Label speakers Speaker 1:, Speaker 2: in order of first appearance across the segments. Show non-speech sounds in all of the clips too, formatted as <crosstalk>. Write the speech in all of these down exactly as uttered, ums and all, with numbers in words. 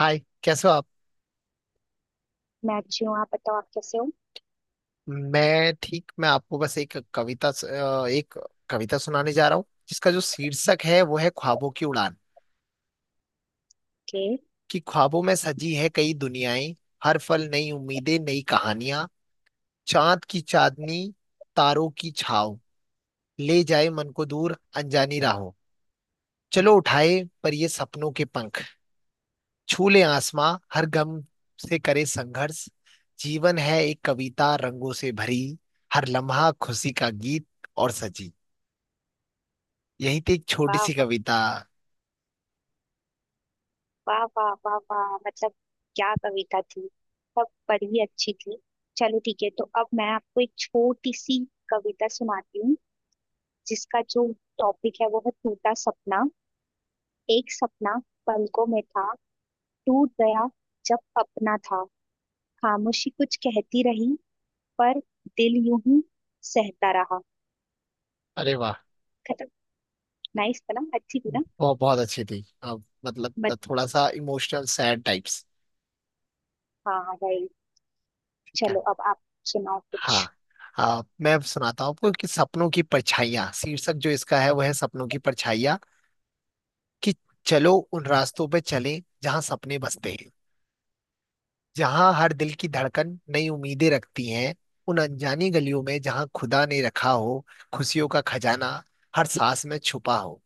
Speaker 1: हाय। कैसे हो आप।
Speaker 2: मैं अच्छी हूँ। आप बताओ, आप कैसे हो।
Speaker 1: मैं ठीक। मैं आपको बस एक कविता स- अ, एक कविता सुनाने जा रहा हूँ जिसका जो शीर्षक है वो है ख्वाबों की उड़ान।
Speaker 2: ओके।
Speaker 1: कि ख्वाबों में सजी है कई दुनियाएं। हर पल नई उम्मीदें नई कहानियां। चांद की चांदनी। तारों की छाव। ले जाए मन को दूर अनजानी राहों। चलो उठाए पर ये सपनों के पंख। छू ले आसमां हर गम से करे संघर्ष। जीवन है एक कविता रंगों से भरी। हर लम्हा खुशी का गीत और सजी। यही थी एक छोटी
Speaker 2: वाह
Speaker 1: सी
Speaker 2: वाह
Speaker 1: कविता।
Speaker 2: वाह वाह वाह वाह। मतलब क्या कविता थी। सब बड़ी ही अच्छी थी। चलो ठीक है, तो अब मैं आपको एक छोटी सी कविता सुनाती हूँ जिसका जो टॉपिक है वो है टूटा सपना। एक सपना पलकों में था, टूट गया जब अपना था। खामोशी कुछ कहती रही, पर दिल यूं ही सहता रहा।
Speaker 1: अरे वाह।
Speaker 2: नाइस था ना, अच्छी थी ना।
Speaker 1: बहुत बहुत अच्छी थी। अब मतलब
Speaker 2: बट
Speaker 1: थोड़ा सा इमोशनल सैड टाइप्स।
Speaker 2: हाँ भाई,
Speaker 1: ठीक है।
Speaker 2: चलो अब आप सुनाओ कुछ।
Speaker 1: हाँ। आ, मैं अब सुनाता हूँ आपको कि सपनों की परछाइयाँ शीर्षक जो इसका है वह है सपनों की परछाइयाँ। कि चलो उन रास्तों पे चलें जहाँ सपने बसते हैं। जहाँ हर दिल की धड़कन नई उम्मीदें रखती हैं। उन अनजानी गलियों में जहाँ खुदा ने रखा हो खुशियों का खजाना। हर सांस में छुपा हो।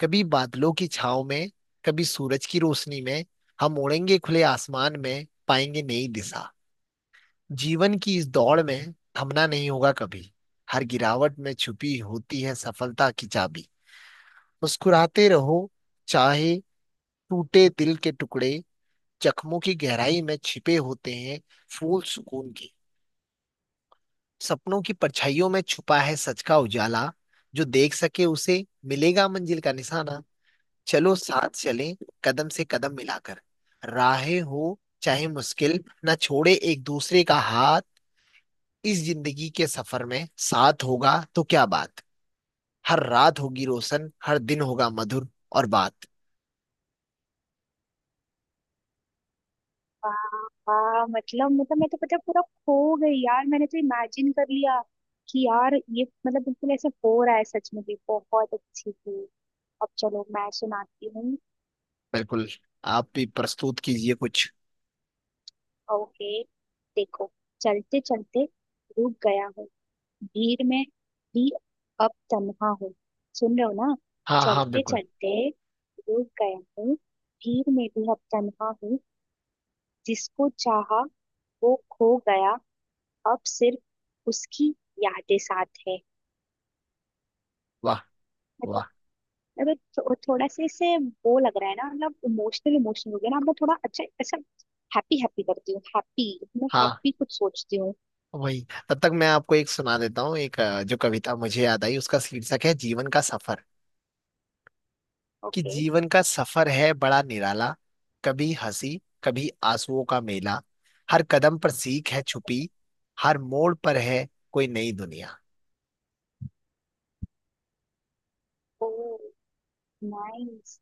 Speaker 1: कभी बादलों की छाव में कभी सूरज की रोशनी में हम उड़ेंगे खुले आसमान में पाएंगे नई दिशा। जीवन की इस दौड़ में थमना नहीं होगा कभी। हर गिरावट में छुपी होती है सफलता की चाबी। मुस्कुराते रहो चाहे टूटे दिल के टुकड़े। जख्मों की गहराई में छिपे होते हैं फूल सुकून के। सपनों की परछाइयों में छुपा है सच का उजाला। जो देख सके उसे मिलेगा मंजिल का निशाना। चलो साथ चलें कदम से कदम मिलाकर। राहें हो चाहे मुश्किल न छोड़े एक दूसरे का हाथ। इस जिंदगी के सफर में साथ होगा तो क्या बात। हर रात होगी रोशन हर दिन होगा मधुर और बात।
Speaker 2: हाँ मतलब मतलब मैं तो पता है पूरा खो गई यार। मैंने तो इमेजिन कर लिया कि यार ये मतलब बिल्कुल ऐसा हो रहा है, सच में भी बहुत अच्छी थी। अब चलो मैं सुनाती हूँ।
Speaker 1: बिल्कुल। आप भी प्रस्तुत कीजिए कुछ।
Speaker 2: ओके, देखो। चलते चलते रुक गया हूँ, भीड़ में भी अब तन्हा हूँ। सुन रहे हो ना।
Speaker 1: हाँ हाँ
Speaker 2: चलते
Speaker 1: बिल्कुल।
Speaker 2: चलते रुक गया हूँ, भीड़ में भी अब तन्हा हूँ। जिसको चाहा वो खो गया, अब सिर्फ उसकी यादें साथ है।
Speaker 1: वाह
Speaker 2: मतलब
Speaker 1: वाह।
Speaker 2: मतलब थो, थोड़ा सा इससे वो लग रहा है ना। मतलब इमोशनल इमोशनल हो गया ना। अब मैं थोड़ा अच्छा अच्छा हैप्पी हैप्पी करती हूँ। हैप्पी, मैं
Speaker 1: हाँ।
Speaker 2: हैप्पी कुछ सोचती हूँ।
Speaker 1: वही। तब तक मैं आपको एक सुना देता हूँ एक अ, जो कविता मुझे याद आई उसका शीर्षक है जीवन का सफर। कि
Speaker 2: ओके।
Speaker 1: जीवन का सफर है बड़ा निराला। कभी हंसी कभी आंसुओं का मेला। हर कदम पर सीख है छुपी। हर मोड़ पर है कोई नई दुनिया।
Speaker 2: नाइस।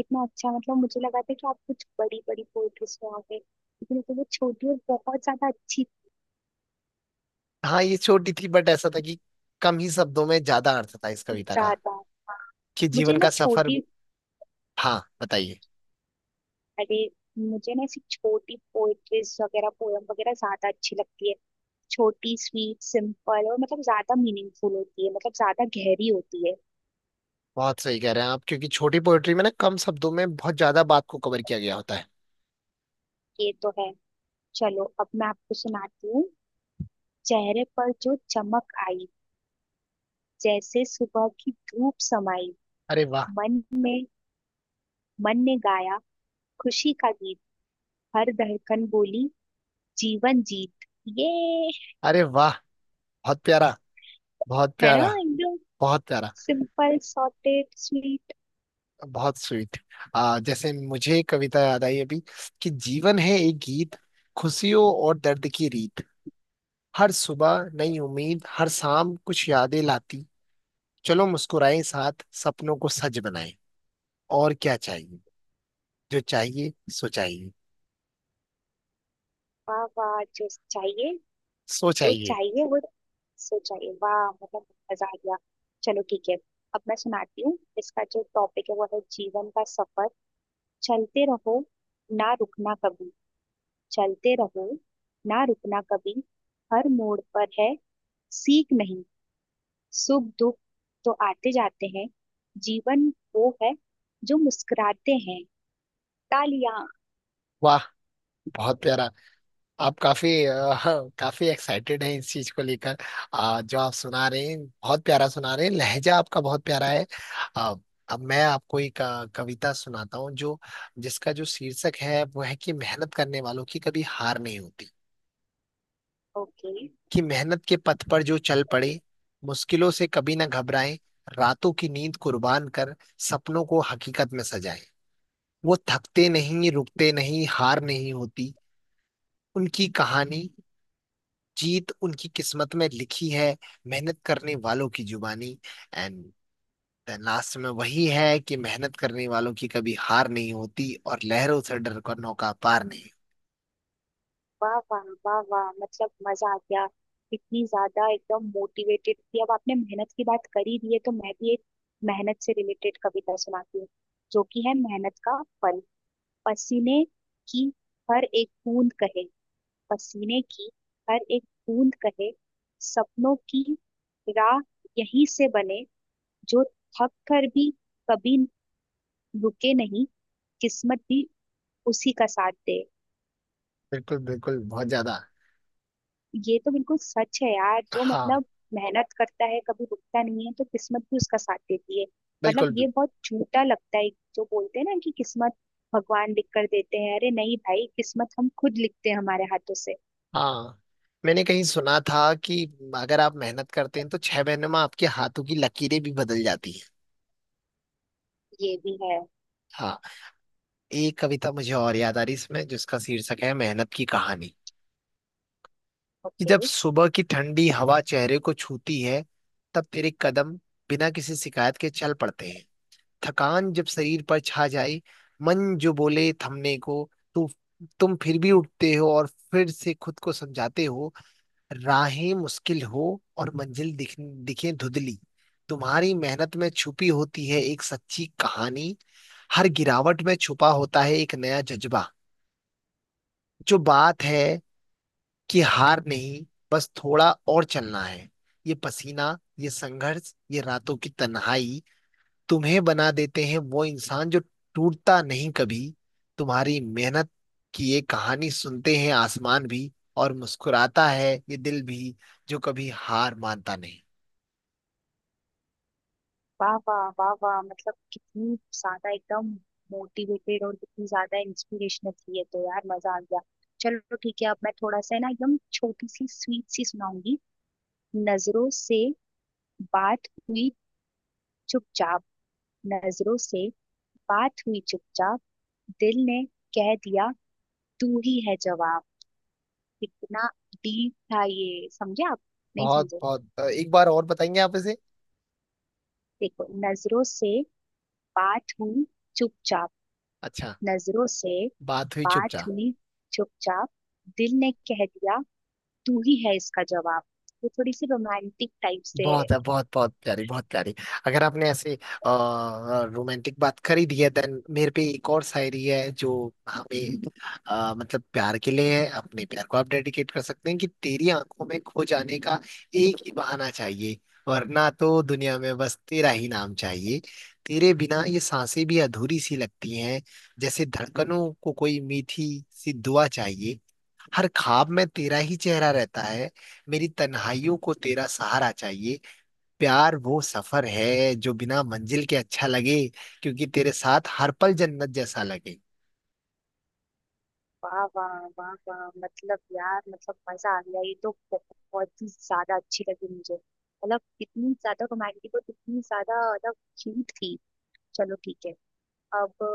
Speaker 2: इतना अच्छा, मतलब मुझे लगा था कि आप कुछ बड़ी बड़ी पोएट्री सुनाओगे, लेकिन तो वो छोटी और बहुत ज्यादा अच्छी।
Speaker 1: हाँ ये छोटी थी बट ऐसा था कि कम ही शब्दों में ज्यादा अर्थ था इस कविता का।
Speaker 2: ज्यादा,
Speaker 1: कि
Speaker 2: मुझे
Speaker 1: जीवन
Speaker 2: ना
Speaker 1: का सफर।
Speaker 2: छोटी।
Speaker 1: हाँ बताइए।
Speaker 2: अरे, मुझे ना ऐसी छोटी पोएट्रीज वगैरह पोयम वगैरह ज्यादा अच्छी लगती है। छोटी, स्वीट, सिंपल और मतलब ज्यादा मीनिंगफुल होती है, मतलब ज्यादा गहरी होती है।
Speaker 1: बहुत सही कह रहे हैं आप क्योंकि छोटी पोएट्री में ना कम शब्दों में बहुत ज्यादा बात को कवर किया गया होता है।
Speaker 2: ये तो है। चलो अब मैं आपको सुनाती हूँ। चेहरे पर जो चमक आई, जैसे सुबह की धूप समाई।
Speaker 1: अरे वाह।
Speaker 2: मन में, मन ने गाया खुशी का गीत। हर धड़कन बोली जीवन जीत। ये,
Speaker 1: अरे वाह। बहुत प्यारा। बहुत
Speaker 2: है ना
Speaker 1: प्यारा।
Speaker 2: एकदम
Speaker 1: बहुत प्यारा।
Speaker 2: Simple, sorted, sweet.
Speaker 1: बहुत स्वीट। आ जैसे मुझे एक कविता याद आई अभी। कि जीवन है एक गीत। खुशियों और दर्द की रीत। हर सुबह नई उम्मीद हर शाम कुछ यादें लाती। चलो मुस्कुराएं साथ सपनों को सच बनाएं। और क्या चाहिए जो चाहिए सो चाहिए।
Speaker 2: वाह वाह, जो चाहिए,
Speaker 1: सो
Speaker 2: जो
Speaker 1: चाहिए।
Speaker 2: चाहिए वो सो चाहिए। वाह मतलब मजा आ गया। चलो ठीक है, अब मैं सुनाती हूँ। इसका जो टॉपिक है वो है जीवन का सफर। चलते रहो, ना रुकना कभी। चलते रहो, ना रुकना कभी। हर मोड़ पर है सीख नहीं। सुख दुख तो आते जाते हैं। जीवन वो है जो मुस्कुराते हैं। तालियां।
Speaker 1: वाह। बहुत प्यारा। आप काफी अ, <laughs> काफी एक्साइटेड हैं इस चीज को लेकर। अ, जो आप सुना रहे हैं बहुत प्यारा सुना रहे हैं लहजा आपका बहुत प्यारा है। अ, अब मैं आपको एक अ, कविता सुनाता हूँ जो जिसका जो शीर्षक है वो है कि मेहनत करने वालों की कभी हार नहीं होती।
Speaker 2: ओके।
Speaker 1: कि मेहनत के पथ पर जो चल पड़े मुश्किलों से कभी ना घबराएं। रातों की नींद कुर्बान कर सपनों को हकीकत में सजाएं। वो थकते नहीं रुकते नहीं हार नहीं होती उनकी कहानी। जीत उनकी किस्मत में लिखी है मेहनत करने वालों की जुबानी। एंड लास्ट में वही है कि मेहनत करने वालों की कभी हार नहीं होती और लहरों से डर कर नौका पार नहीं।
Speaker 2: वाह वाह वाह वाह, मतलब मजा आ गया। इतनी ज्यादा एकदम मोटिवेटेड थी। अब आपने मेहनत की बात करी दी है तो मैं भी एक मेहनत से रिलेटेड कविता सुनाती हूँ, जो कि है मेहनत का फल। पसीने की हर एक बूंद कहे, पसीने की हर एक बूंद कहे, सपनों की राह यहीं से बने। जो थक कर भी कभी रुके नहीं, किस्मत भी उसी का साथ दे।
Speaker 1: बिल्कुल बिल्कुल बहुत ज्यादा।
Speaker 2: ये तो बिल्कुल सच है यार, जो
Speaker 1: हाँ।
Speaker 2: मतलब मेहनत करता है, कभी रुकता नहीं है, तो किस्मत भी उसका साथ देती है। मतलब
Speaker 1: बिल्कुल भी।
Speaker 2: ये बहुत झूठा लगता है जो बोलते हैं ना कि किस्मत भगवान लिख कर देते हैं। अरे नहीं भाई, किस्मत हम खुद लिखते हैं हमारे हाथों से।
Speaker 1: हाँ। मैंने कहीं सुना था कि अगर आप मेहनत करते हैं तो छह महीने में आपके हाथों की लकीरें भी बदल जाती हैं।
Speaker 2: ये भी है।
Speaker 1: हाँ। एक कविता मुझे और याद आ रही इसमें जिसका शीर्षक है मेहनत की कहानी। कि
Speaker 2: ओके।
Speaker 1: जब सुबह की ठंडी हवा चेहरे को छूती है तब तेरे कदम बिना किसी शिकायत के चल पड़ते हैं। थकान जब शरीर पर छा जाए मन जो बोले थमने को तू तुम फिर भी उठते हो और फिर से खुद को समझाते हो। राहें मुश्किल हो और मंजिल दिख दिखे धुंधली। तुम्हारी मेहनत में छुपी होती है एक सच्ची कहानी। हर गिरावट में छुपा होता है एक नया जज्बा। जो बात है कि हार नहीं बस थोड़ा और चलना है। ये पसीना ये संघर्ष ये रातों की तन्हाई तुम्हें बना देते हैं वो इंसान जो टूटता नहीं कभी। तुम्हारी मेहनत की ये कहानी सुनते हैं आसमान भी और मुस्कुराता है ये दिल भी जो कभी हार मानता नहीं।
Speaker 2: वाह वाह वाह वाह, मतलब कितनी ज्यादा एकदम मोटिवेटेड और कितनी ज्यादा इंस्पिरेशनल थी ये तो यार। मजा आ गया। चलो ठीक है, अब मैं थोड़ा सा है ना एकदम छोटी सी स्वीट सी सुनाऊंगी। नजरों से बात हुई चुपचाप, नजरों से बात हुई चुपचाप। दिल ने कह दिया तू ही है जवाब। कितना डीप था ये, समझे आप, नहीं
Speaker 1: बहुत
Speaker 2: समझे।
Speaker 1: बहुत अ, एक बार और बताएंगे आप इसे।
Speaker 2: देखो, नजरों से बात हुई चुपचाप,
Speaker 1: अच्छा।
Speaker 2: नजरों से
Speaker 1: बात हुई
Speaker 2: बात
Speaker 1: चुपचाप।
Speaker 2: हुई चुपचाप। दिल ने कह दिया तू ही है इसका जवाब। वो थोड़ी सी रोमांटिक टाइप से।
Speaker 1: बहुत है बहुत बहुत प्यारी बहुत प्यारी। अगर आपने ऐसे रोमांटिक बात करी दी है देन मेरे पे एक और शायरी है जो हमें अ, मतलब प्यार के लिए है अपने प्यार को आप डेडिकेट कर सकते हैं कि तेरी आंखों में खो जाने का एक ही बहाना चाहिए। वरना तो दुनिया में बस तेरा ही नाम चाहिए। तेरे बिना ये सांसें भी अधूरी सी लगती हैं जैसे धड़कनों को कोई मीठी सी दुआ चाहिए। हर ख्वाब में तेरा ही चेहरा रहता है मेरी तन्हाइयों को तेरा सहारा चाहिए। प्यार वो सफर है जो बिना मंजिल के अच्छा लगे क्योंकि तेरे साथ हर पल जन्नत जैसा लगे।
Speaker 2: वाह वाह वाह वाह, मतलब यार मतलब मजा आ गया। ये तो बहुत ही ज्यादा अच्छी लगी मुझे। मतलब इतनी ज्यादा रोमांटिक और इतनी ज्यादा मतलब क्यूट थी। चलो ठीक है। अब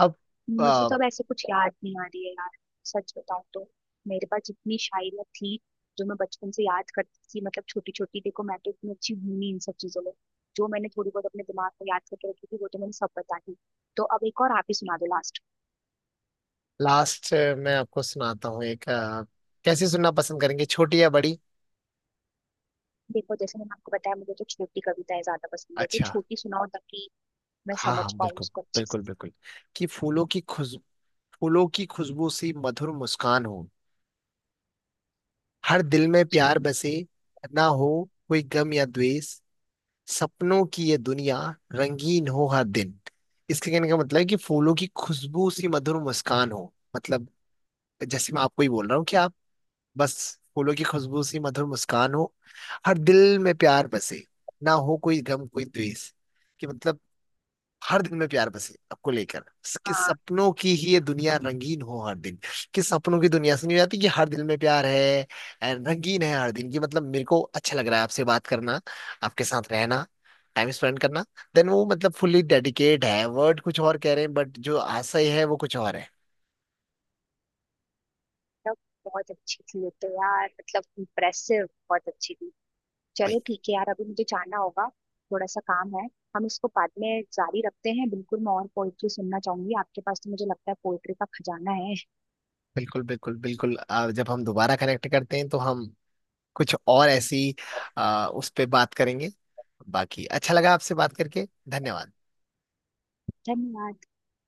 Speaker 1: अब
Speaker 2: मुझे तो अब ऐसे कुछ याद नहीं आ रही है यार, सच बताऊं तो। मेरे पास जितनी शायरियाँ थी जो मैं बचपन से याद करती थी, मतलब छोटी छोटी देखो, मैं तो इतनी अच्छी हूं नहीं इन सब चीजों में। जो मैंने थोड़ी बहुत अपने दिमाग में याद करके रखी थी वो तो मैंने सब बता दी। तो अब एक और आप ही सुना दो लास्ट।
Speaker 1: लास्ट मैं आपको सुनाता हूँ एक अ, कैसे सुनना पसंद करेंगे छोटी या बड़ी।
Speaker 2: देखो, जैसे मैंने आपको बताया मुझे तो छोटी कविताएं ज्यादा पसंद है, तो
Speaker 1: अच्छा।
Speaker 2: छोटी सुनाओ ताकि मैं
Speaker 1: हाँ हाँ
Speaker 2: समझ पाऊँ
Speaker 1: बिल्कुल।
Speaker 2: उसको अच्छे से।
Speaker 1: बिल्कुल बिल्कुल। कि फूलों की खुश फूलों की खुशबू सी मधुर मुस्कान हो हर दिल में
Speaker 2: अच्छा।
Speaker 1: प्यार बसे। ना हो कोई गम या द्वेष। सपनों की ये दुनिया रंगीन हो हर दिन। इसके कहने का मतलब है कि फूलों की खुशबू सी मधुर मुस्कान हो मतलब जैसे मैं आपको ही बोल रहा हूँ कि आप बस फूलों की खुशबू सी मधुर मुस्कान हो। हर दिल में प्यार बसे। ना हो कोई गम कोई द्वेष। कि मतलब हर दिन में प्यार बसे आपको लेकर। कि
Speaker 2: हाँ,
Speaker 1: सपनों की ही ये दुनिया रंगीन हो हर दिन। कि सपनों की दुनिया सुनी जाती कि हर दिल में प्यार है and रंगीन है हर दिन की मतलब मेरे को अच्छा लग रहा है आपसे बात करना। आपके साथ रहना। टाइम स्पेंड करना। देन वो मतलब फुल्ली डेडिकेट है वर्ड कुछ और कह रहे हैं बट जो आशय है वो कुछ और है।
Speaker 2: तब। बहुत अच्छी थी ये तो यार, मतलब इम्प्रेसिव, बहुत अच्छी थी।
Speaker 1: भाई।
Speaker 2: चलो ठीक है यार, अभी मुझे जाना होगा, थोड़ा सा काम है। हम इसको बाद में जारी रखते हैं, बिल्कुल मैं और पोइट्री सुनना चाहूंगी। आपके पास तो मुझे लगता है पोइट्री का खजाना है।
Speaker 1: बिल्कुल बिल्कुल बिल्कुल आ, जब हम दोबारा कनेक्ट करते हैं तो हम कुछ और ऐसी आ, उस पे बात करेंगे। बाकी अच्छा लगा आपसे बात करके। धन्यवाद।
Speaker 2: धन्यवाद।